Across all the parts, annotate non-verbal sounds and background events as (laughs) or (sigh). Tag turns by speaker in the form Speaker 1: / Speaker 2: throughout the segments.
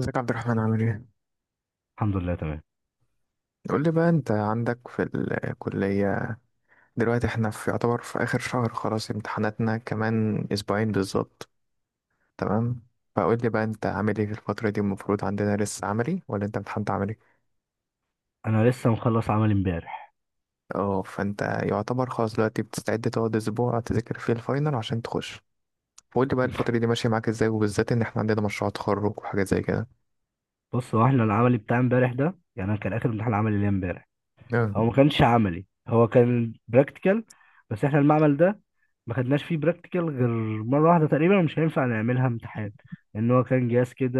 Speaker 1: ازيك يا عبد الرحمن؟ عامل ايه؟
Speaker 2: الحمد لله تمام.
Speaker 1: قول لي بقى، انت عندك في الكلية دلوقتي احنا في يعتبر في آخر شهر، خلاص امتحاناتنا كمان أسبوعين بالظبط، تمام؟ فقول لي بقى انت عامل ايه في الفترة دي؟ المفروض عندنا لسه عملي ولا انت امتحنت عملي؟
Speaker 2: انا لسه مخلص عمل امبارح.
Speaker 1: اه، فانت يعتبر خلاص دلوقتي بتستعد تقعد أسبوع تذاكر فيه الفاينل عشان تخش. فقول لي بقى الفترة دي ماشية معاك ازاي، وبالذات ان احنا عندنا مشروع تخرج وحاجات زي كده.
Speaker 2: بص، هو احنا العملي بتاع امبارح ده، يعني انا كان اخر امتحان عملي ليا امبارح. هو
Speaker 1: اه.
Speaker 2: ما كانش عملي، هو كان براكتيكال. بس احنا المعمل ده ما خدناش فيه براكتيكال غير مره واحده تقريبا، مش هينفع نعملها امتحان. لان هو كان جهاز كده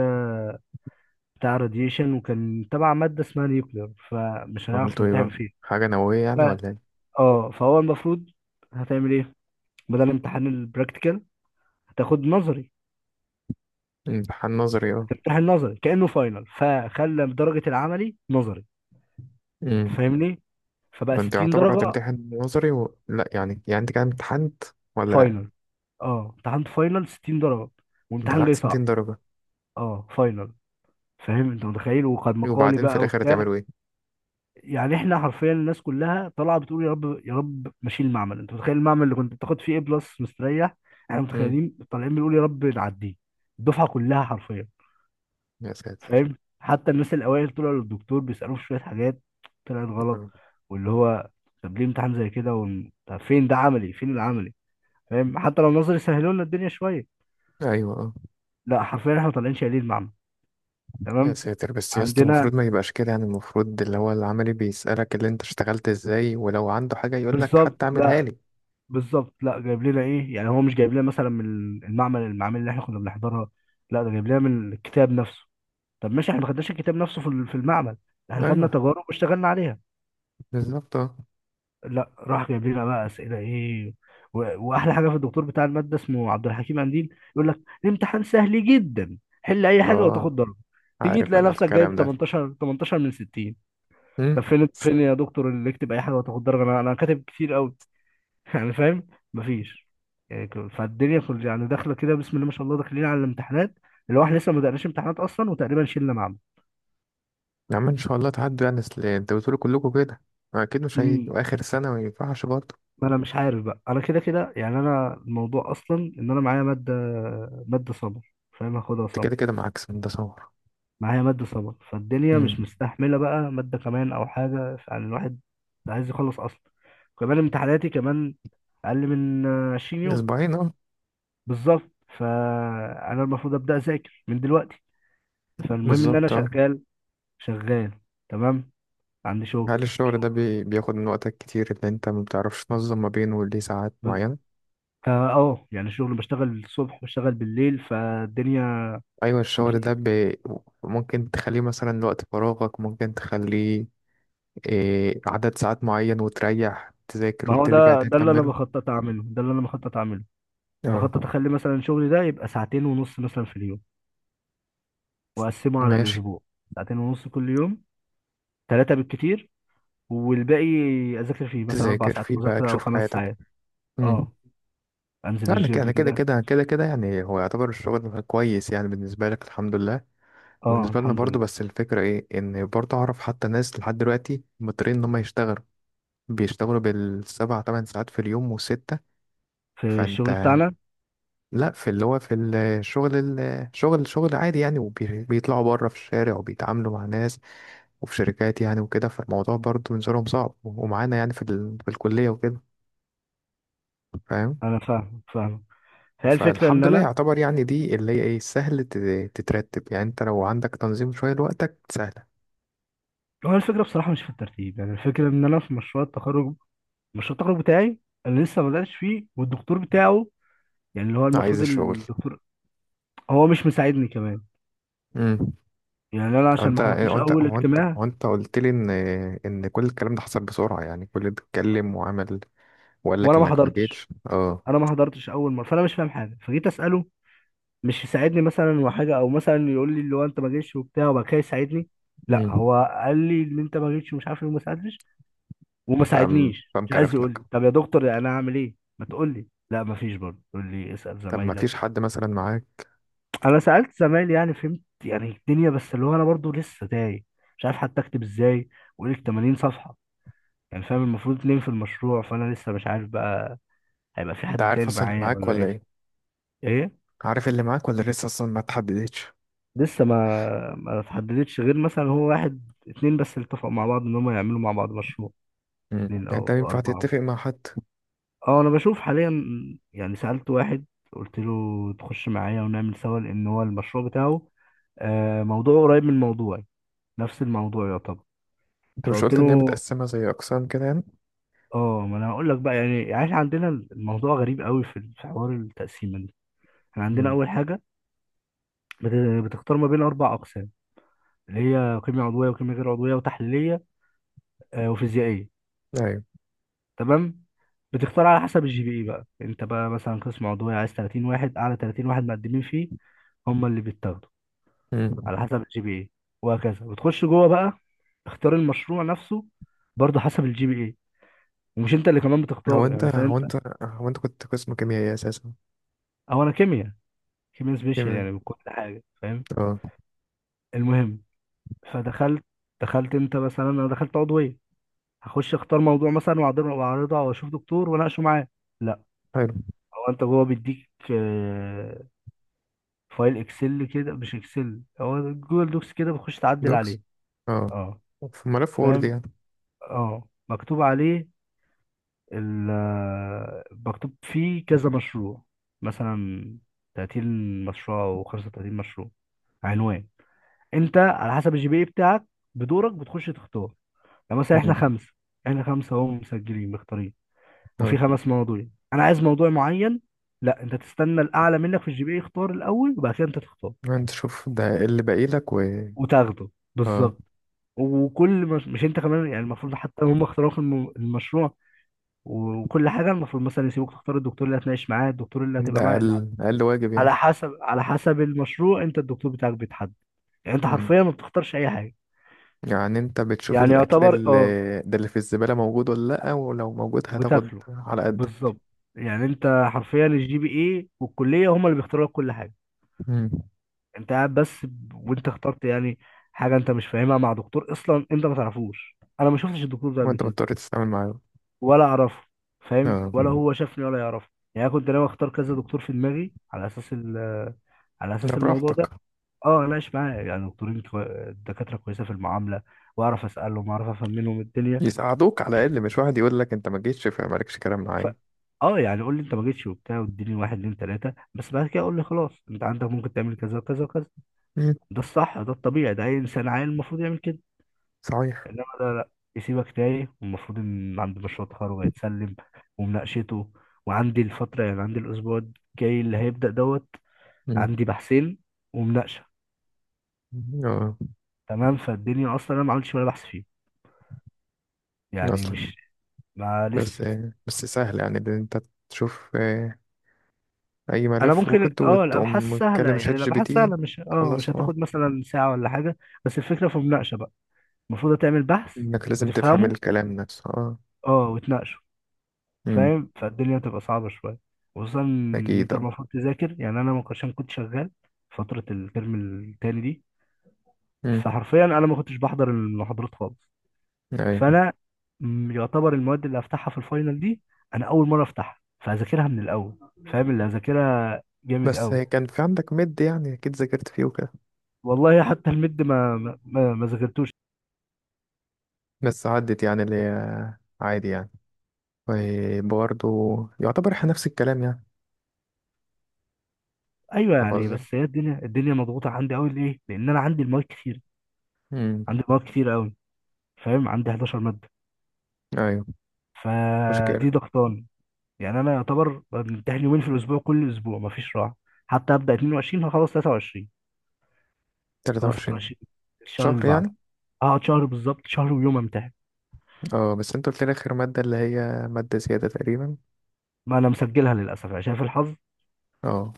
Speaker 2: بتاع راديشن، وكان تبع ماده اسمها نيوكلير، فمش هنعرف
Speaker 1: عملتوا ايه
Speaker 2: نمتحن
Speaker 1: بقى؟
Speaker 2: فيه.
Speaker 1: حاجة نووية
Speaker 2: ف...
Speaker 1: يعني ولا ايه؟
Speaker 2: اه، فهو المفروض هتعمل ايه بدل امتحان البراكتيكال؟ هتاخد نظري.
Speaker 1: امتحان نظري.
Speaker 2: هتمتحن نظري كانه فاينل، فخلى درجه العملي نظري.
Speaker 1: اه،
Speaker 2: أنت فاهمني؟ فبقى
Speaker 1: فانت
Speaker 2: 60
Speaker 1: يعتبر
Speaker 2: درجة
Speaker 1: هتمتحن نظري و... لا يعني يعني انت كده امتحنت ولا لا؟
Speaker 2: فاينل. اه، امتحنت فاينل 60 درجة،
Speaker 1: انت
Speaker 2: وامتحان جاي
Speaker 1: امتحنت
Speaker 2: صعب.
Speaker 1: 200 درجة؟
Speaker 2: اه فاينل. فاهم؟ انت متخيل وقد مقالي
Speaker 1: وبعدين في
Speaker 2: بقى
Speaker 1: الاخر
Speaker 2: وبتاع.
Speaker 1: هتعملوا ايه؟
Speaker 2: يعني احنا حرفيا الناس كلها طالعه بتقول يا رب يا رب، ماشيين المعمل. انت متخيل المعمل اللي كنت بتاخد فيه ايه بلس مستريح، احنا
Speaker 1: امم.
Speaker 2: متخيلين طالعين بنقول يا رب نعديه. الدفعه كلها حرفيا.
Speaker 1: يا ساتر.
Speaker 2: فاهم؟ حتى الناس الاوائل طلعوا للدكتور بيسالوه في شويه حاجات طلعت غلط.
Speaker 1: آه.
Speaker 2: واللي هو طب ليه امتحان زي كده، طب فين ده عملي؟ فين العملي؟ فاهم؟ حتى لو النظر يسهلوا لنا الدنيا شويه،
Speaker 1: ايوه، اه.
Speaker 2: لا، حرفيا احنا طالعين شايلين المعنى.
Speaker 1: يا
Speaker 2: تمام؟
Speaker 1: ساتر، بس يا اسطى
Speaker 2: عندنا
Speaker 1: المفروض ما يبقاش كده يعني. المفروض اللي هو العملي بيسألك اللي انت اشتغلت ازاي، ولو عنده حاجة يقول لك
Speaker 2: بالظبط
Speaker 1: حتى اعملها
Speaker 2: لا،
Speaker 1: لي.
Speaker 2: بالظبط لا، جايب لنا ايه يعني؟ هو مش جايب لنا مثلا من المعمل، المعامل اللي احنا كنا بنحضرها، لا، ده جايب لنا من الكتاب نفسه. طب ماشي، احنا ما خدناش الكتاب نفسه في في المعمل، احنا خدنا
Speaker 1: ايوه،
Speaker 2: تجارب واشتغلنا عليها.
Speaker 1: بالظبط اه.
Speaker 2: لا، راح جايب لنا بقى اسئله ايه. واحلى حاجه في الدكتور بتاع الماده، اسمه عبد الحكيم قنديل، يقول لك الامتحان سهل جدا، حل اي حاجه وتاخد
Speaker 1: اه،
Speaker 2: درجه. تيجي
Speaker 1: عارف
Speaker 2: تلاقي
Speaker 1: انا
Speaker 2: نفسك جايب
Speaker 1: الكلام ده.
Speaker 2: 18 18 من 60.
Speaker 1: امم.
Speaker 2: طب فين فين يا دكتور اللي يكتب اي حاجه وتاخد درجه؟ انا كاتب كتير قوي (laughs) يعني فاهم؟ مفيش. يعني فالدنيا كل يعني داخله كده بسم الله ما شاء الله، داخلين على الامتحانات. اللي هو احنا لسه ما بدأناش امتحانات اصلا، وتقريبا شلنا معمل.
Speaker 1: يا عم ان شاء الله تعدوا يعني، اصل انتوا بتقولوا كلكم كده. اكيد مش هي
Speaker 2: امم.
Speaker 1: واخر سنة ما ينفعش برضه.
Speaker 2: ما انا مش عارف بقى، انا كده كده يعني، انا الموضوع اصلا ان انا معايا ماده، ماده سمر. فاهم؟ هاخدها
Speaker 1: انت
Speaker 2: سمر.
Speaker 1: كده كده معاك سنة ده صور.
Speaker 2: معايا ماده سمر، فالدنيا مش
Speaker 1: امم.
Speaker 2: مستحمله بقى ماده كمان او حاجه، يعني الواحد ده عايز يخلص اصلا. كمان امتحاناتي كمان اقل من 20 يوم
Speaker 1: اسبوعين. آه.
Speaker 2: بالظبط. فانا المفروض ابدا اذاكر من دلوقتي. فالمهم ان انا
Speaker 1: بالظبط اه.
Speaker 2: شغال شغال. تمام؟ عندي شغل.
Speaker 1: هل الشغل ده بياخد من وقتك كتير؟ اللي انت ما بتعرفش تنظم ما بينه ليه ساعات
Speaker 2: ب-
Speaker 1: معينة؟
Speaker 2: فا اه، يعني الشغل بشتغل الصبح بشتغل بالليل، فالدنيا
Speaker 1: ايوه، الشغل ده
Speaker 2: مفيش.
Speaker 1: ممكن تخليه مثلا وقت فراغك؟ ممكن تخليه عدد ساعات معين وتريح، تذاكر،
Speaker 2: ما هو
Speaker 1: وترجع
Speaker 2: ده
Speaker 1: تاني
Speaker 2: ده اللي انا
Speaker 1: تكمله.
Speaker 2: بخطط اعمله، ده اللي انا بخطط اعمله.
Speaker 1: اه،
Speaker 2: بخطط اخلي مثلا شغلي ده يبقى ساعتين ونص مثلا في اليوم، واقسمه على
Speaker 1: ماشي.
Speaker 2: الاسبوع. ساعتين ونص كل يوم، ثلاثة بالكتير، والباقي اذاكر فيه مثلا اربع
Speaker 1: تذاكر
Speaker 2: ساعات
Speaker 1: فيه بقى،
Speaker 2: مذاكرة او
Speaker 1: تشوف
Speaker 2: خمس
Speaker 1: حياتك.
Speaker 2: ساعات.
Speaker 1: امم.
Speaker 2: اه، انزل
Speaker 1: انا ك-
Speaker 2: الجيم
Speaker 1: انا كده
Speaker 2: كده.
Speaker 1: كده كده كده يعني، هو يعتبر الشغل كويس يعني بالنسبه لك، الحمد لله.
Speaker 2: اه
Speaker 1: وبالنسبه لنا
Speaker 2: الحمد
Speaker 1: برضو.
Speaker 2: لله،
Speaker 1: بس الفكره ايه؟ ان برضو اعرف حتى ناس لحد دلوقتي مضطرين ان هم يشتغلوا، بيشتغلوا بالـ7 تمن ساعات في اليوم، وستة.
Speaker 2: في
Speaker 1: فانت،
Speaker 2: الشغل بتاعنا.
Speaker 1: لا، في اللي هو في الشغل، الشغل شغل عادي يعني، وبيطلعوا بره في الشارع وبيتعاملوا مع ناس وفي شركات يعني وكده. فالموضوع برضه بالنسبة لهم صعب، ومعانا يعني في الكلية وكده، فاهم؟
Speaker 2: انا فاهم فاهم. فهي الفكره ان
Speaker 1: فالحمد لله
Speaker 2: انا،
Speaker 1: يعتبر يعني دي اللي هي ايه، سهل تترتب يعني. انت لو عندك تنظيم شوية لوقتك سهلة.
Speaker 2: هو الفكره بصراحه مش في الترتيب، يعني الفكره ان انا في مشروع التخرج، مشروع التخرج بتاعي اللي لسه ما بداتش فيه، والدكتور بتاعه، يعني اللي هو
Speaker 1: عايز
Speaker 2: المفروض
Speaker 1: الشغل.
Speaker 2: الدكتور، هو مش مساعدني كمان.
Speaker 1: امم.
Speaker 2: يعني انا
Speaker 1: هو
Speaker 2: عشان
Speaker 1: انت
Speaker 2: ما حضرتوش
Speaker 1: هو انت
Speaker 2: اول
Speaker 1: هو انت
Speaker 2: اجتماع،
Speaker 1: هو انت قلت لي ان كل الكلام ده حصل بسرعة يعني، كل اللي اتكلم وعمل وقال لك
Speaker 2: وانا ما
Speaker 1: انك ما
Speaker 2: حضرتش،
Speaker 1: جيتش. اه.
Speaker 2: انا ما حضرتش اول مره، فانا مش فاهم حاجه، فجيت اساله. مش يساعدني مثلا وحاجه، او مثلا يقول لي اللي هو انت ما جيتش وبتاع وبعد كده يساعدني، لا،
Speaker 1: مم.
Speaker 2: هو قال لي ان انت ما جيتش ومش عارف ايه وما ساعدتش وما
Speaker 1: فقام
Speaker 2: ساعدنيش.
Speaker 1: فقام
Speaker 2: مش عايز
Speaker 1: كرف
Speaker 2: يقول
Speaker 1: لك.
Speaker 2: لي طب يا دكتور انا اعمل ايه؟ ما تقول لي لا، ما فيش، برضه يقول لي اسال
Speaker 1: طب ما فيش
Speaker 2: زمايلك
Speaker 1: حد مثلا معاك؟
Speaker 2: انا سالت زمايلي يعني، فهمت يعني الدنيا، بس اللي هو انا برضه لسه تايه، مش عارف حتى اكتب ازاي. واقول لك 80 صفحه يعني، فاهم؟ المفروض اتنين في المشروع، فانا لسه مش عارف بقى هيبقى في
Speaker 1: انت
Speaker 2: حد
Speaker 1: عارف
Speaker 2: تاني
Speaker 1: اصلا اللي
Speaker 2: معايا
Speaker 1: معاك
Speaker 2: ولا
Speaker 1: ولا
Speaker 2: ايه.
Speaker 1: ايه؟
Speaker 2: ايه
Speaker 1: عارف اللي معاك، ولا لسه اصلا ما تحددتش؟
Speaker 2: لسه ما اتحددتش، غير مثلا هو واحد اتنين بس اللي اتفقوا مع بعض ان هم يعملوا مع بعض مشروع.
Speaker 1: مم. يعني
Speaker 2: اتنين
Speaker 1: انت
Speaker 2: او
Speaker 1: ينفع
Speaker 2: اربعه.
Speaker 1: تتفق مع حد.
Speaker 2: اه، انا بشوف حاليا. يعني سألت واحد، قلت له تخش معايا ونعمل سوا، لان هو المشروع بتاعه، آه، موضوعه قريب من موضوعي. نفس الموضوع يعتبر.
Speaker 1: انت مش
Speaker 2: فقلت
Speaker 1: قلت ان هي
Speaker 2: له
Speaker 1: متقسمه زي اقسام كده يعني؟
Speaker 2: اه، ما انا هقول لك بقى يعني، يعني احنا عندنا الموضوع غريب قوي في حوار التقسيمه دي. احنا عندنا
Speaker 1: مم.
Speaker 2: اول حاجه بتختار ما بين اربع اقسام، اللي هي كيمياء عضويه وكيمياء غير عضويه وتحليليه، آه، وفيزيائيه.
Speaker 1: ايوه.
Speaker 2: تمام. بتختار على حسب الجي بي اي. بقى انت بقى مثلا قسم عضويه عايز 30 واحد، اعلى 30 واحد مقدمين فيه هم اللي بيتاخدوا،
Speaker 1: مم.
Speaker 2: على حسب الجي بي اي. وهكذا. وتخش جوه بقى، اختار المشروع نفسه، برضه حسب الجي بي اي، ومش انت اللي كمان
Speaker 1: هو
Speaker 2: بتختاره. يعني
Speaker 1: انت
Speaker 2: مثلا
Speaker 1: هو
Speaker 2: انت،
Speaker 1: انت هو انت كنت قسم كيميائي اساسا؟
Speaker 2: او انا كيمياء، كيمياء سبيشال
Speaker 1: كيميائي.
Speaker 2: يعني من كل حاجه، فاهم؟
Speaker 1: اه.
Speaker 2: المهم، فدخلت، دخلت انت مثلا، انا دخلت عضويه، هخش اختار موضوع مثلا واعرضه واعرضه واشوف دكتور واناقشه معاه. لا،
Speaker 1: حلو.
Speaker 2: هو انت جوه بيديك آه، فايل اكسل كده، مش اكسل، هو جوجل دوكس كده، بتخش تعدل
Speaker 1: دوكس.
Speaker 2: عليه.
Speaker 1: اه،
Speaker 2: اه
Speaker 1: في ملف وورد
Speaker 2: فاهم.
Speaker 1: يعني.
Speaker 2: اه، مكتوب عليه، مكتوب فيه كذا مشروع، مثلا 30 مشروع او 35 مشروع، عنوان، انت على حسب الجي بي اي بتاعك بدورك بتخش تختار. يعني مثلا احنا
Speaker 1: مم.
Speaker 2: خمسه، احنا خمسه اهو مسجلين مختارين، وفي
Speaker 1: اه،
Speaker 2: خمس مواضيع. انا عايز موضوع معين، لا، انت تستنى الاعلى منك في الجي بي اي يختار الاول، وبعد كده انت تختار
Speaker 1: انت شوف ده اللي باقي لك. و
Speaker 2: وتاخده.
Speaker 1: اه،
Speaker 2: بالظبط. وكل مش انت كمان يعني، المفروض حتى هم اختاروا في المشروع وكل حاجه. المفروض مثلا يسيبوك تختار الدكتور اللي هتناقش معاه، الدكتور اللي
Speaker 1: ده
Speaker 2: هتبقى معاه، لا،
Speaker 1: اقل اقل واجب يعني.
Speaker 2: على حسب على حسب المشروع انت الدكتور بتاعك بيتحدد. يعني انت
Speaker 1: مم.
Speaker 2: حرفيا ما بتختارش اي حاجه.
Speaker 1: يعني انت بتشوف
Speaker 2: يعني
Speaker 1: الاكل
Speaker 2: يعتبر
Speaker 1: اللي
Speaker 2: اه.
Speaker 1: ده اللي في الزبالة موجود ولا لأ، ولو موجود هتاخد
Speaker 2: وتاكله.
Speaker 1: على قدك.
Speaker 2: بالظبط. يعني انت حرفيا الجي بي اي والكليه هم اللي بيختاروا لك كل حاجه.
Speaker 1: مم.
Speaker 2: انت قاعد بس وانت اخترت يعني حاجه انت مش فاهمها مع دكتور اصلا انت ما تعرفوش. انا ما شفتش الدكتور ده قبل
Speaker 1: وانت
Speaker 2: كده
Speaker 1: مضطر تتعامل معاه.
Speaker 2: ولا اعرفه، فاهم؟
Speaker 1: اه،
Speaker 2: ولا هو شافني ولا يعرفه. يعني انا كنت ناوي اختار كذا دكتور في دماغي على اساس
Speaker 1: ده
Speaker 2: الموضوع
Speaker 1: براحتك.
Speaker 2: ده. اه اناقش معاه، يعني دكاتره كويسه في المعامله، واعرف اسالهم واعرف افهم منهم الدنيا.
Speaker 1: يساعدوك على الاقل، مش واحد يقول لك انت ما جيتش فمالكش كلام
Speaker 2: ف
Speaker 1: معايا.
Speaker 2: اه، يعني قول لي انت ما جيتش وبتاع واديني واحد اتنين تلاته، بس بعد كده قول لي خلاص، انت عندك ممكن تعمل كذا وكذا وكذا.
Speaker 1: مم.
Speaker 2: ده الصح، ده الطبيعي، ده اي انسان عاقل المفروض يعمل كده.
Speaker 1: صحيح.
Speaker 2: انما ده لا، يسيبك تايه. والمفروض ان عندي مشروع تخرج هيتسلم ومناقشته، وعندي الفترة، يعني عندي الأسبوع الجاي اللي هيبدأ دوت،
Speaker 1: مم.
Speaker 2: عندي بحثين ومناقشة.
Speaker 1: اه،
Speaker 2: تمام؟ فالدنيا أصلا أنا ما عملتش ولا بحث فيه. يعني
Speaker 1: اصلا.
Speaker 2: مش ما
Speaker 1: بس،
Speaker 2: لسه.
Speaker 1: سهل يعني، ان انت تشوف اي
Speaker 2: أنا
Speaker 1: ملف
Speaker 2: ممكن،
Speaker 1: وورد
Speaker 2: أه الأبحاث
Speaker 1: وتقوم
Speaker 2: سهلة
Speaker 1: تكلم شات
Speaker 2: يعني،
Speaker 1: جي بي
Speaker 2: الأبحاث
Speaker 1: تي،
Speaker 2: سهلة، مش أه مش
Speaker 1: تخلصه. اه،
Speaker 2: هتاخد مثلا ساعة ولا حاجة. بس الفكرة في المناقشة بقى، المفروض تعمل بحث
Speaker 1: انك لازم تفهم
Speaker 2: وتفهمه،
Speaker 1: الكلام نفسه. اه.
Speaker 2: أه وتناقشه.
Speaker 1: مم.
Speaker 2: فاهم؟ فالدنيا بتبقى صعبة شوية، خصوصا إن
Speaker 1: اكيد
Speaker 2: أنت
Speaker 1: اه.
Speaker 2: المفروض تذاكر. يعني أنا ما كنتش- عشان كنت شغال فترة الترم التاني دي،
Speaker 1: مم.
Speaker 2: فحرفيا أنا ما كنتش بحضر المحاضرات خالص.
Speaker 1: ايوه.
Speaker 2: فأنا يعتبر المواد اللي هفتحها في الفاينل دي، أنا أول مرة أفتحها، فهذاكرها من الأول، فاهم؟ اللي هذاكرها جامد
Speaker 1: بس
Speaker 2: أوي.
Speaker 1: كان في عندك مد يعني، أكيد ذاكرت فيه وكده.
Speaker 2: والله حتى المد ما ذاكرتوش.
Speaker 1: بس عدت يعني، اللي هي عادي يعني. وبرضه يعتبر إحنا نفس الكلام يعني،
Speaker 2: أيوه
Speaker 1: فاهم
Speaker 2: يعني،
Speaker 1: قصدي؟
Speaker 2: بس هي الدنيا، الدنيا مضغوطة عندي أوي. ليه؟ لأن أنا عندي المواد كتير،
Speaker 1: أمم.
Speaker 2: عندي مواد كتير أوي. فاهم؟ عندي 11 مادة.
Speaker 1: أيوه. مشكلة.
Speaker 2: فدي ضغطان. يعني انا يعتبر بمتحن يومين في الاسبوع، كل اسبوع مفيش راحه. حتى ابدا 22 هخلص 23.
Speaker 1: تلاتة
Speaker 2: خلاص
Speaker 1: وعشرين
Speaker 2: 23 الشهر اللي
Speaker 1: شهر
Speaker 2: بعده.
Speaker 1: يعني.
Speaker 2: هقعد شهر بالظبط، شهر ويوم امتحن.
Speaker 1: اه، بس انت قلت لي آخر مادة اللي هي مادة زيادة تقريبا.
Speaker 2: ما انا مسجلها للاسف عشان في الحظ.
Speaker 1: اه.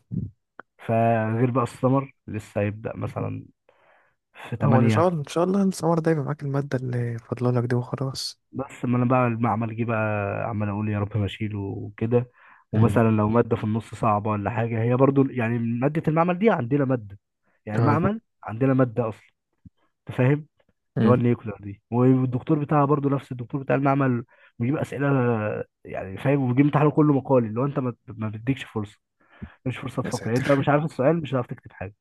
Speaker 2: فغير بقى السمر لسه هيبدا مثلا في
Speaker 1: هو إن شاء
Speaker 2: 8.
Speaker 1: الله إن شاء الله السمر ده يبقى معاك المادة اللي فاضلالك دي وخلاص.
Speaker 2: بس ما انا بقى المعمل جه بقى، عمال اقول يا رب ما اشيله وكده.
Speaker 1: مم.
Speaker 2: ومثلا لو ماده في النص صعبه ولا حاجه، هي برضو يعني ماده المعمل دي، عندنا ماده، يعني
Speaker 1: اه.
Speaker 2: المعمل عندنا ماده اصلا، انت فاهم؟ اللي هو
Speaker 1: أمم.
Speaker 2: النيوكلير دي، والدكتور بتاعها برضو نفس الدكتور بتاع المعمل، بيجيب اسئله، يعني فاهم؟ وبيجيب امتحانه كله مقالي، اللي هو انت ما بتديكش فرصه. مش فرصه
Speaker 1: يا
Speaker 2: تفكر، يعني انت لو مش
Speaker 1: ساتر.
Speaker 2: عارف السؤال مش هتعرف تكتب حاجه.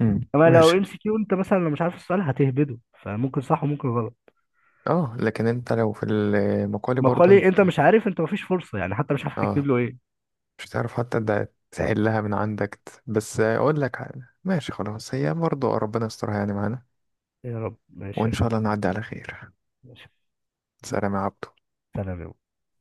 Speaker 1: أمم،
Speaker 2: اما لو ام
Speaker 1: ماشي.
Speaker 2: سي كيو، انت مثلا لو مش عارف السؤال هتهبده، فممكن صح وممكن غلط.
Speaker 1: اه، لكن انت لو في المقالي برضه
Speaker 2: مقالي
Speaker 1: انت،
Speaker 2: انت مش عارف، انت مفيش فرصه، يعني حتى مش عارف
Speaker 1: اه،
Speaker 2: تكتب له ايه.
Speaker 1: مش هتعرف. حتى ده تحلها من عندك بس اقول لك حاجة. ماشي، خلاص، هي برضه ربنا يسترها يعني معانا،
Speaker 2: يا رب ماشي
Speaker 1: وان
Speaker 2: يا رب.
Speaker 1: شاء الله نعدي على خير.
Speaker 2: ماشي.
Speaker 1: سلام يا عبدو.
Speaker 2: سلام يا